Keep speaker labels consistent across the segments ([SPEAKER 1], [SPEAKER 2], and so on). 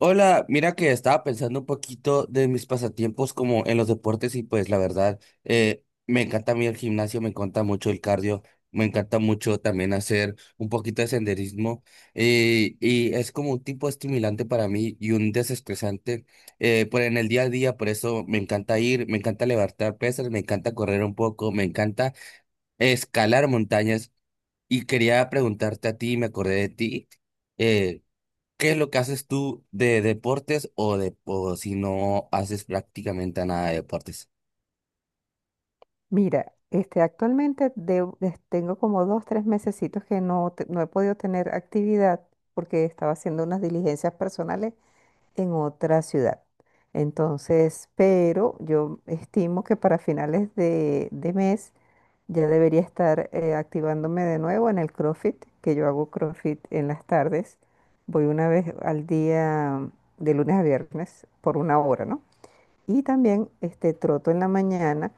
[SPEAKER 1] Hola, mira que estaba pensando un poquito de mis pasatiempos como en los deportes y pues la verdad, me encanta a mí el gimnasio, me encanta mucho el cardio, me encanta mucho también hacer un poquito de senderismo y es como un tipo estimulante para mí y un desestresante por en el día a día, por eso me encanta ir, me encanta levantar pesas, me encanta correr un poco, me encanta escalar montañas y quería preguntarte a ti, me acordé de ti. eh, ¿Qué es lo que haces tú de deportes o si no haces prácticamente nada de deportes?
[SPEAKER 2] Mira, este, actualmente tengo como dos, tres mesecitos que no he podido tener actividad porque estaba haciendo unas diligencias personales en otra ciudad. Entonces, pero yo estimo que para finales de mes ya debería estar activándome de nuevo en el CrossFit, que yo hago CrossFit en las tardes. Voy una vez al día de lunes a viernes por una hora, ¿no? Y también este, troto en la mañana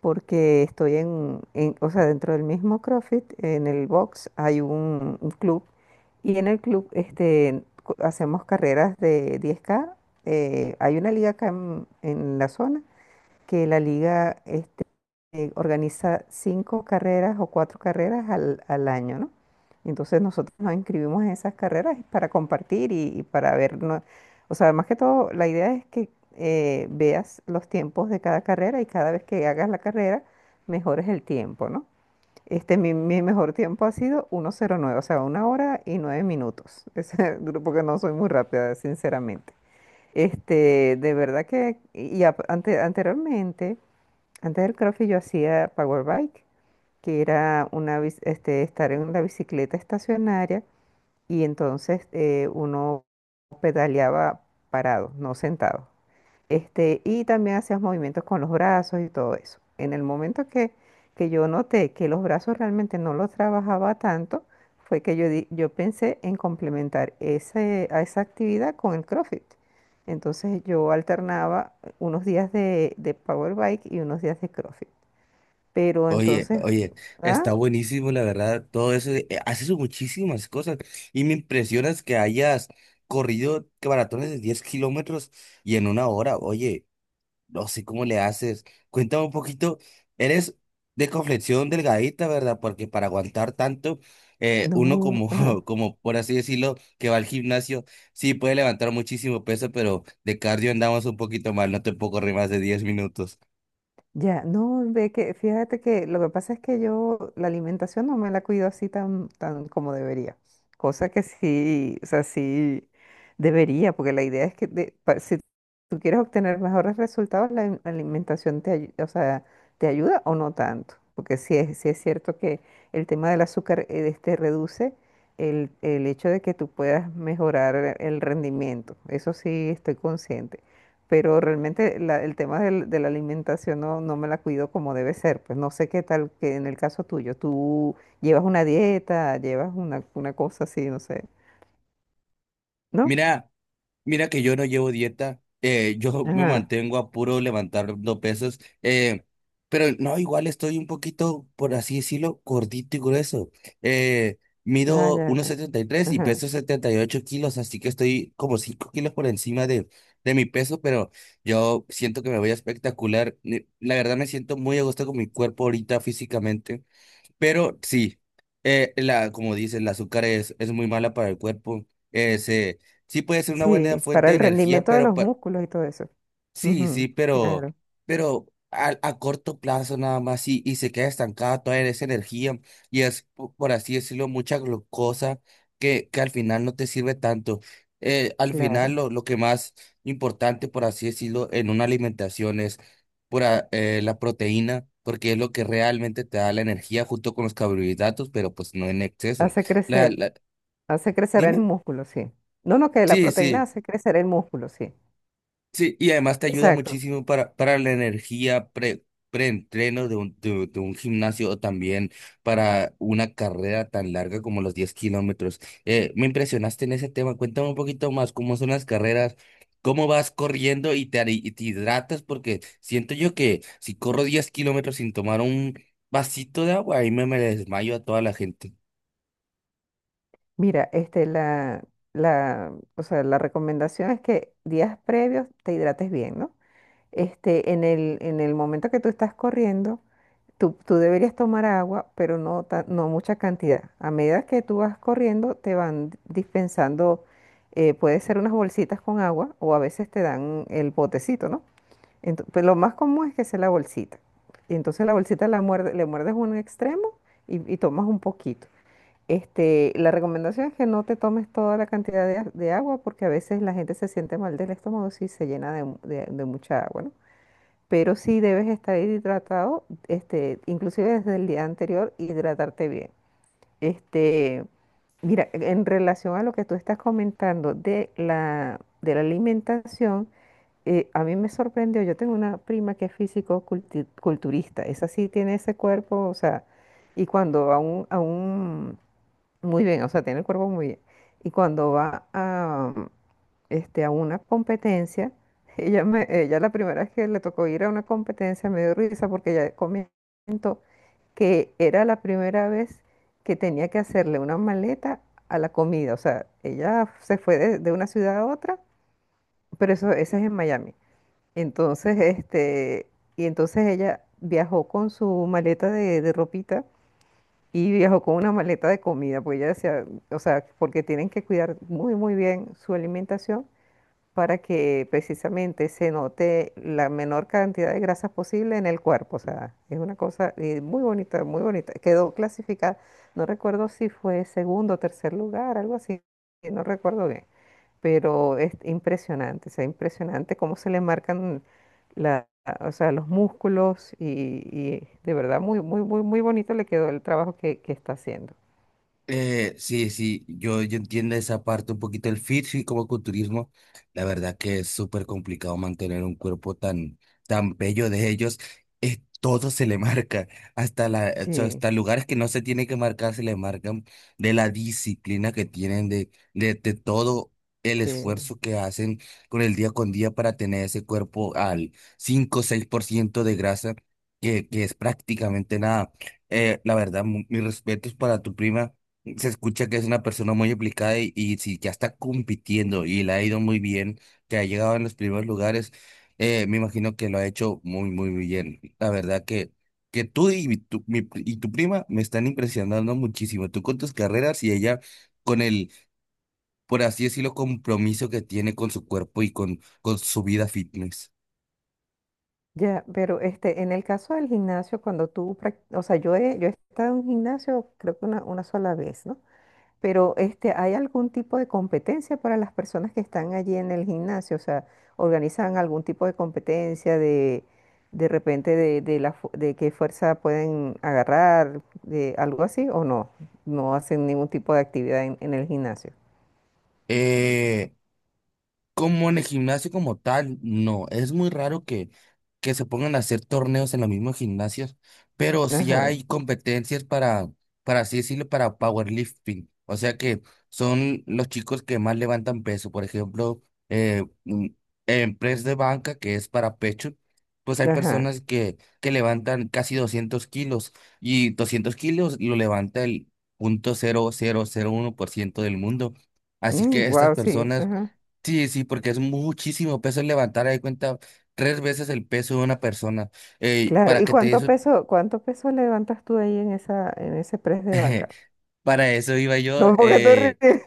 [SPEAKER 2] porque estoy o sea, dentro del mismo CrossFit, en el box hay un club y en el club este, hacemos carreras de 10K. Hay una liga acá en la zona que la liga organiza cinco carreras o cuatro carreras al año, ¿no? Entonces nosotros nos inscribimos en esas carreras para compartir y para ver, ¿no? O sea, más que todo, la idea es que veas los tiempos de cada carrera y cada vez que hagas la carrera, mejores el tiempo, ¿no? Este, mi mejor tiempo ha sido 1:09, o sea, una hora y 9 minutos. Es, porque no soy muy rápida, sinceramente. Este, de verdad que, y anteriormente, antes del CrossFit yo hacía power bike, que era este, estar en la bicicleta estacionaria y entonces uno pedaleaba parado, no sentado. Este, y también hacías movimientos con los brazos y todo eso. En el momento que yo noté que los brazos realmente no los trabajaba tanto, fue que yo pensé en complementar a esa actividad con el CrossFit. Entonces yo alternaba unos días de power bike y unos días de CrossFit. Pero
[SPEAKER 1] Oye,
[SPEAKER 2] entonces,
[SPEAKER 1] oye,
[SPEAKER 2] ah,
[SPEAKER 1] está buenísimo, la verdad, todo eso. Haces muchísimas cosas y me impresionas que hayas corrido que maratones de 10 kilómetros y en 1 hora. Oye, no sé cómo le haces. Cuéntame un poquito. Eres de complexión delgadita, ¿verdad? Porque para aguantar tanto, uno
[SPEAKER 2] no,
[SPEAKER 1] como,
[SPEAKER 2] ajá,
[SPEAKER 1] como por así decirlo, que va al gimnasio, sí puede levantar muchísimo peso, pero de cardio andamos un poquito mal. No te puedo correr más de 10 minutos.
[SPEAKER 2] ya, no, ve que, fíjate que lo que pasa es que yo la alimentación no me la cuido así tan, tan como debería, cosa que sí, o sea, sí debería, porque la idea es que si tú quieres obtener mejores resultados, la alimentación o sea, te ayuda o no tanto, porque sí es cierto que el tema del azúcar este, reduce el hecho de que tú puedas mejorar el rendimiento, eso sí estoy consciente pero realmente el tema de la alimentación no me la cuido como debe ser. Pues no sé qué tal que en el caso tuyo, tú llevas una dieta, llevas una cosa así, no sé. ¿No?
[SPEAKER 1] Mira. Mira que yo no llevo dieta, yo me
[SPEAKER 2] Ajá,
[SPEAKER 1] mantengo a puro levantando pesas, pero no, igual estoy un poquito, por así decirlo, gordito y grueso. Eh,
[SPEAKER 2] ah,
[SPEAKER 1] Mido
[SPEAKER 2] ya,
[SPEAKER 1] 1,73 y
[SPEAKER 2] ajá.
[SPEAKER 1] peso 78 kilos, así que estoy como 5 kilos por encima de, mi peso, pero yo siento que me voy a espectacular. La verdad me siento muy a gusto con mi cuerpo ahorita físicamente. Pero sí, la, como dices, el azúcar es muy mala para el cuerpo. Es, eh, se- sí puede ser una buena
[SPEAKER 2] Sí, para
[SPEAKER 1] fuente de
[SPEAKER 2] el
[SPEAKER 1] energía,
[SPEAKER 2] rendimiento de
[SPEAKER 1] pero
[SPEAKER 2] los
[SPEAKER 1] pa-
[SPEAKER 2] músculos y todo eso.
[SPEAKER 1] Sí, sí,
[SPEAKER 2] Ujú,
[SPEAKER 1] pero,
[SPEAKER 2] claro,
[SPEAKER 1] pero a corto plazo nada más y se queda estancada toda esa energía y es, por así decirlo, mucha glucosa que al final no te sirve tanto. Al final
[SPEAKER 2] claro.
[SPEAKER 1] lo, que más importante, por así decirlo, en una alimentación es pura, la proteína, porque es lo que realmente te da la energía junto con los carbohidratos, pero pues no en exceso.
[SPEAKER 2] Hace
[SPEAKER 1] La,
[SPEAKER 2] crecer,
[SPEAKER 1] la,
[SPEAKER 2] hace crecer el
[SPEAKER 1] Dime.
[SPEAKER 2] músculo, sí. No, no, que la
[SPEAKER 1] Sí,
[SPEAKER 2] proteína
[SPEAKER 1] sí.
[SPEAKER 2] hace crecer el músculo, sí.
[SPEAKER 1] Sí, y además te ayuda
[SPEAKER 2] Exacto.
[SPEAKER 1] muchísimo para, la energía preentreno de un gimnasio o también para una carrera tan larga como los 10 kilómetros. Me impresionaste en ese tema. Cuéntame un poquito más cómo son las carreras, cómo vas corriendo y y te hidratas, porque siento yo que si corro 10 kilómetros sin tomar un vasito de agua, ahí me desmayo a toda la gente.
[SPEAKER 2] Mira, este, o sea, la recomendación es que días previos te hidrates bien, ¿no? Este, en el momento que tú estás corriendo, tú deberías tomar agua, pero no mucha cantidad. A medida que tú vas corriendo, te van dispensando, puede ser unas bolsitas con agua o a veces te dan el botecito, ¿no? Pues lo más común es que sea la bolsita. Y entonces la bolsita la muerde, le muerdes un extremo y tomas un poquito. Este, la recomendación es que no te tomes toda la cantidad de agua porque a veces la gente se siente mal del estómago si se llena de mucha agua, ¿no? Pero sí debes estar hidratado, este, inclusive desde el día anterior, hidratarte bien. Este, mira, en relación a lo que tú estás comentando de la alimentación, a mí me sorprendió, yo tengo una prima que es físico-culturista, esa sí tiene ese cuerpo, o sea, y cuando a un muy bien, o sea, tiene el cuerpo muy bien. Y cuando va este, a una competencia, ella la primera vez que le tocó ir a una competencia me dio risa porque ella comentó que era la primera vez que tenía que hacerle una maleta a la comida. O sea, ella se fue de una ciudad a otra, pero eso, ese es en Miami. Entonces, este, y entonces ella viajó con su maleta de ropita y viajó con una maleta de comida, pues ella decía, o sea, porque tienen que cuidar muy, muy bien su alimentación para que precisamente se note la menor cantidad de grasas posible en el cuerpo. O sea, es una cosa muy bonita, muy bonita. Quedó clasificada, no recuerdo si fue segundo o tercer lugar, algo así, no recuerdo bien pero es impresionante, o sea, impresionante cómo se le marcan la, o sea, los músculos y de verdad muy, muy, muy, muy bonito le quedó el trabajo que está haciendo.
[SPEAKER 1] Sí, sí, yo entiendo esa parte un poquito el fitness y como culturismo, la verdad que es súper complicado mantener un cuerpo tan, tan bello de ellos, es, todo se le marca, hasta la, o sea,
[SPEAKER 2] Sí,
[SPEAKER 1] hasta lugares que no se tiene que marcar se le marcan de la disciplina que tienen, de todo el
[SPEAKER 2] sí.
[SPEAKER 1] esfuerzo que hacen con el día con día para tener ese cuerpo al 5 o seis por ciento de grasa, que es prácticamente nada. La verdad, mis respetos para tu prima. Se escucha que es una persona muy aplicada y sí, ya está compitiendo y le ha ido muy bien, que ha llegado en los primeros lugares. Me imagino que lo ha hecho muy, muy, muy bien. La verdad que, que tú y tu prima me están impresionando muchísimo. Tú con tus carreras y ella con el, por así decirlo, compromiso que tiene con su cuerpo y con su vida fitness.
[SPEAKER 2] Ya, pero este, en el caso del gimnasio, cuando tú, o sea, yo he estado en un gimnasio creo que una sola vez, ¿no? Pero este, ¿hay algún tipo de competencia para las personas que están allí en el gimnasio? O sea, ¿organizan algún tipo de competencia de repente de qué fuerza pueden agarrar, de algo así o no? No hacen ningún tipo de actividad en el gimnasio.
[SPEAKER 1] Eh, Como en el gimnasio como tal, no, es muy raro que se pongan a hacer torneos en los mismos gimnasios, pero sí
[SPEAKER 2] Ajá,
[SPEAKER 1] hay competencias para así decirlo, para powerlifting, o sea que son los chicos que más levantan peso, por ejemplo, eh, mm, en press de banca, que es para pecho, pues hay
[SPEAKER 2] ajá.
[SPEAKER 1] personas que levantan casi 200 kilos y 200 kilos lo levanta el 0,0001% del mundo, así que estas
[SPEAKER 2] Wow, sí,
[SPEAKER 1] personas.
[SPEAKER 2] ajá.
[SPEAKER 1] Sí, sí, porque es muchísimo peso levantar, ahí cuenta, 3 veces el peso de una persona. Ey,
[SPEAKER 2] Claro.
[SPEAKER 1] para
[SPEAKER 2] ¿Y
[SPEAKER 1] que te
[SPEAKER 2] cuánto
[SPEAKER 1] eso,
[SPEAKER 2] peso, cuánto peso levantas tú ahí en ese press de banca?
[SPEAKER 1] para eso iba yo.
[SPEAKER 2] No, porque te ríes.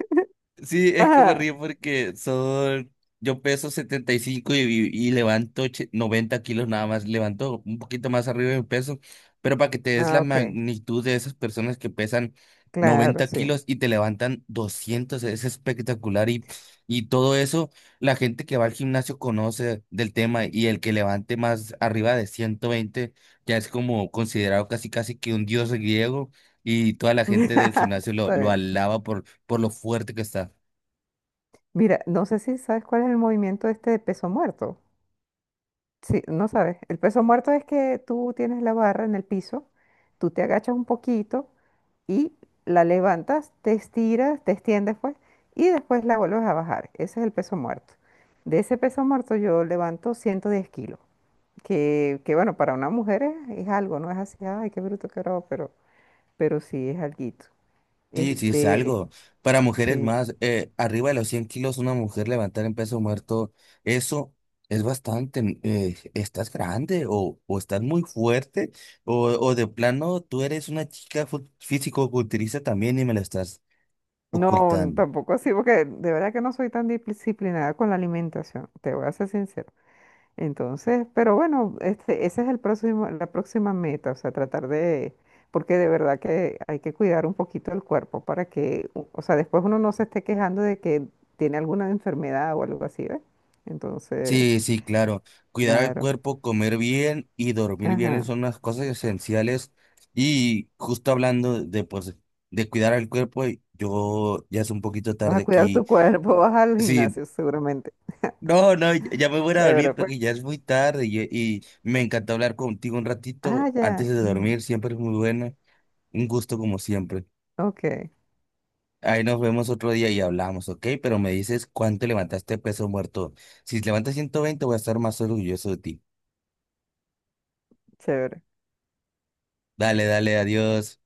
[SPEAKER 1] Sí, es que me
[SPEAKER 2] Ajá.
[SPEAKER 1] río porque son, yo peso 75 y levanto 90 kilos nada más, levanto un poquito más arriba de mi peso, pero para que te des la
[SPEAKER 2] Ah, ok.
[SPEAKER 1] magnitud de esas personas que pesan
[SPEAKER 2] Claro,
[SPEAKER 1] 90
[SPEAKER 2] sí.
[SPEAKER 1] kilos y te levantan 200 es espectacular y todo eso, la gente que va al gimnasio conoce del tema y el que levante más arriba de 120 ya es como considerado casi casi que un dios griego y toda la gente del
[SPEAKER 2] Está
[SPEAKER 1] gimnasio lo,
[SPEAKER 2] bien.
[SPEAKER 1] alaba por lo fuerte que está.
[SPEAKER 2] Mira, no sé si sabes cuál es el movimiento este de peso muerto. Sí, no sabes. El peso muerto es que tú tienes la barra en el piso, tú te agachas un poquito y la levantas, te estiras, te extiendes pues, y después la vuelves a bajar. Ese es el peso muerto. De ese peso muerto yo levanto 110 kilos, que bueno, para una mujer es algo, no es así, ay, qué bruto, qué bravo, pero, sí es alguito.
[SPEAKER 1] Sí, sí, es
[SPEAKER 2] Este,
[SPEAKER 1] algo. Para mujeres
[SPEAKER 2] sí.
[SPEAKER 1] más, arriba de los 100 kilos, una mujer levantar en peso muerto, eso es bastante. Estás grande o estás muy fuerte o de plano tú eres una chica físico-culturista también y me lo estás
[SPEAKER 2] No,
[SPEAKER 1] ocultando.
[SPEAKER 2] tampoco así, porque de verdad que no soy tan disciplinada con la alimentación, te voy a ser sincero. Entonces, pero bueno, este, ese es el próximo, la próxima meta, o sea, tratar de, porque de verdad que hay que cuidar un poquito el cuerpo para que, o sea, después uno no se esté quejando de que tiene alguna enfermedad o algo así, ¿ves? Entonces,
[SPEAKER 1] Sí, sí, claro. Cuidar el
[SPEAKER 2] claro,
[SPEAKER 1] cuerpo, comer bien y dormir bien
[SPEAKER 2] ajá,
[SPEAKER 1] son unas cosas esenciales. Y justo hablando de, pues, de cuidar al cuerpo, yo ya es un poquito
[SPEAKER 2] vas a
[SPEAKER 1] tarde
[SPEAKER 2] cuidar
[SPEAKER 1] aquí.
[SPEAKER 2] tu cuerpo, vas al
[SPEAKER 1] Sí,
[SPEAKER 2] gimnasio seguramente.
[SPEAKER 1] no, no, ya me voy a ir a dormir
[SPEAKER 2] Chévere, pues.
[SPEAKER 1] porque ya es muy tarde y me encantó hablar contigo un
[SPEAKER 2] Ah,
[SPEAKER 1] ratito antes
[SPEAKER 2] ya,
[SPEAKER 1] de
[SPEAKER 2] ujú,
[SPEAKER 1] dormir, siempre es muy buena, un gusto como siempre.
[SPEAKER 2] ok,
[SPEAKER 1] Ahí nos vemos otro día y hablamos, ¿ok? Pero me dices cuánto levantaste peso muerto. Si levantas 120, voy a estar más orgulloso de ti.
[SPEAKER 2] chévere.
[SPEAKER 1] Dale, dale, adiós.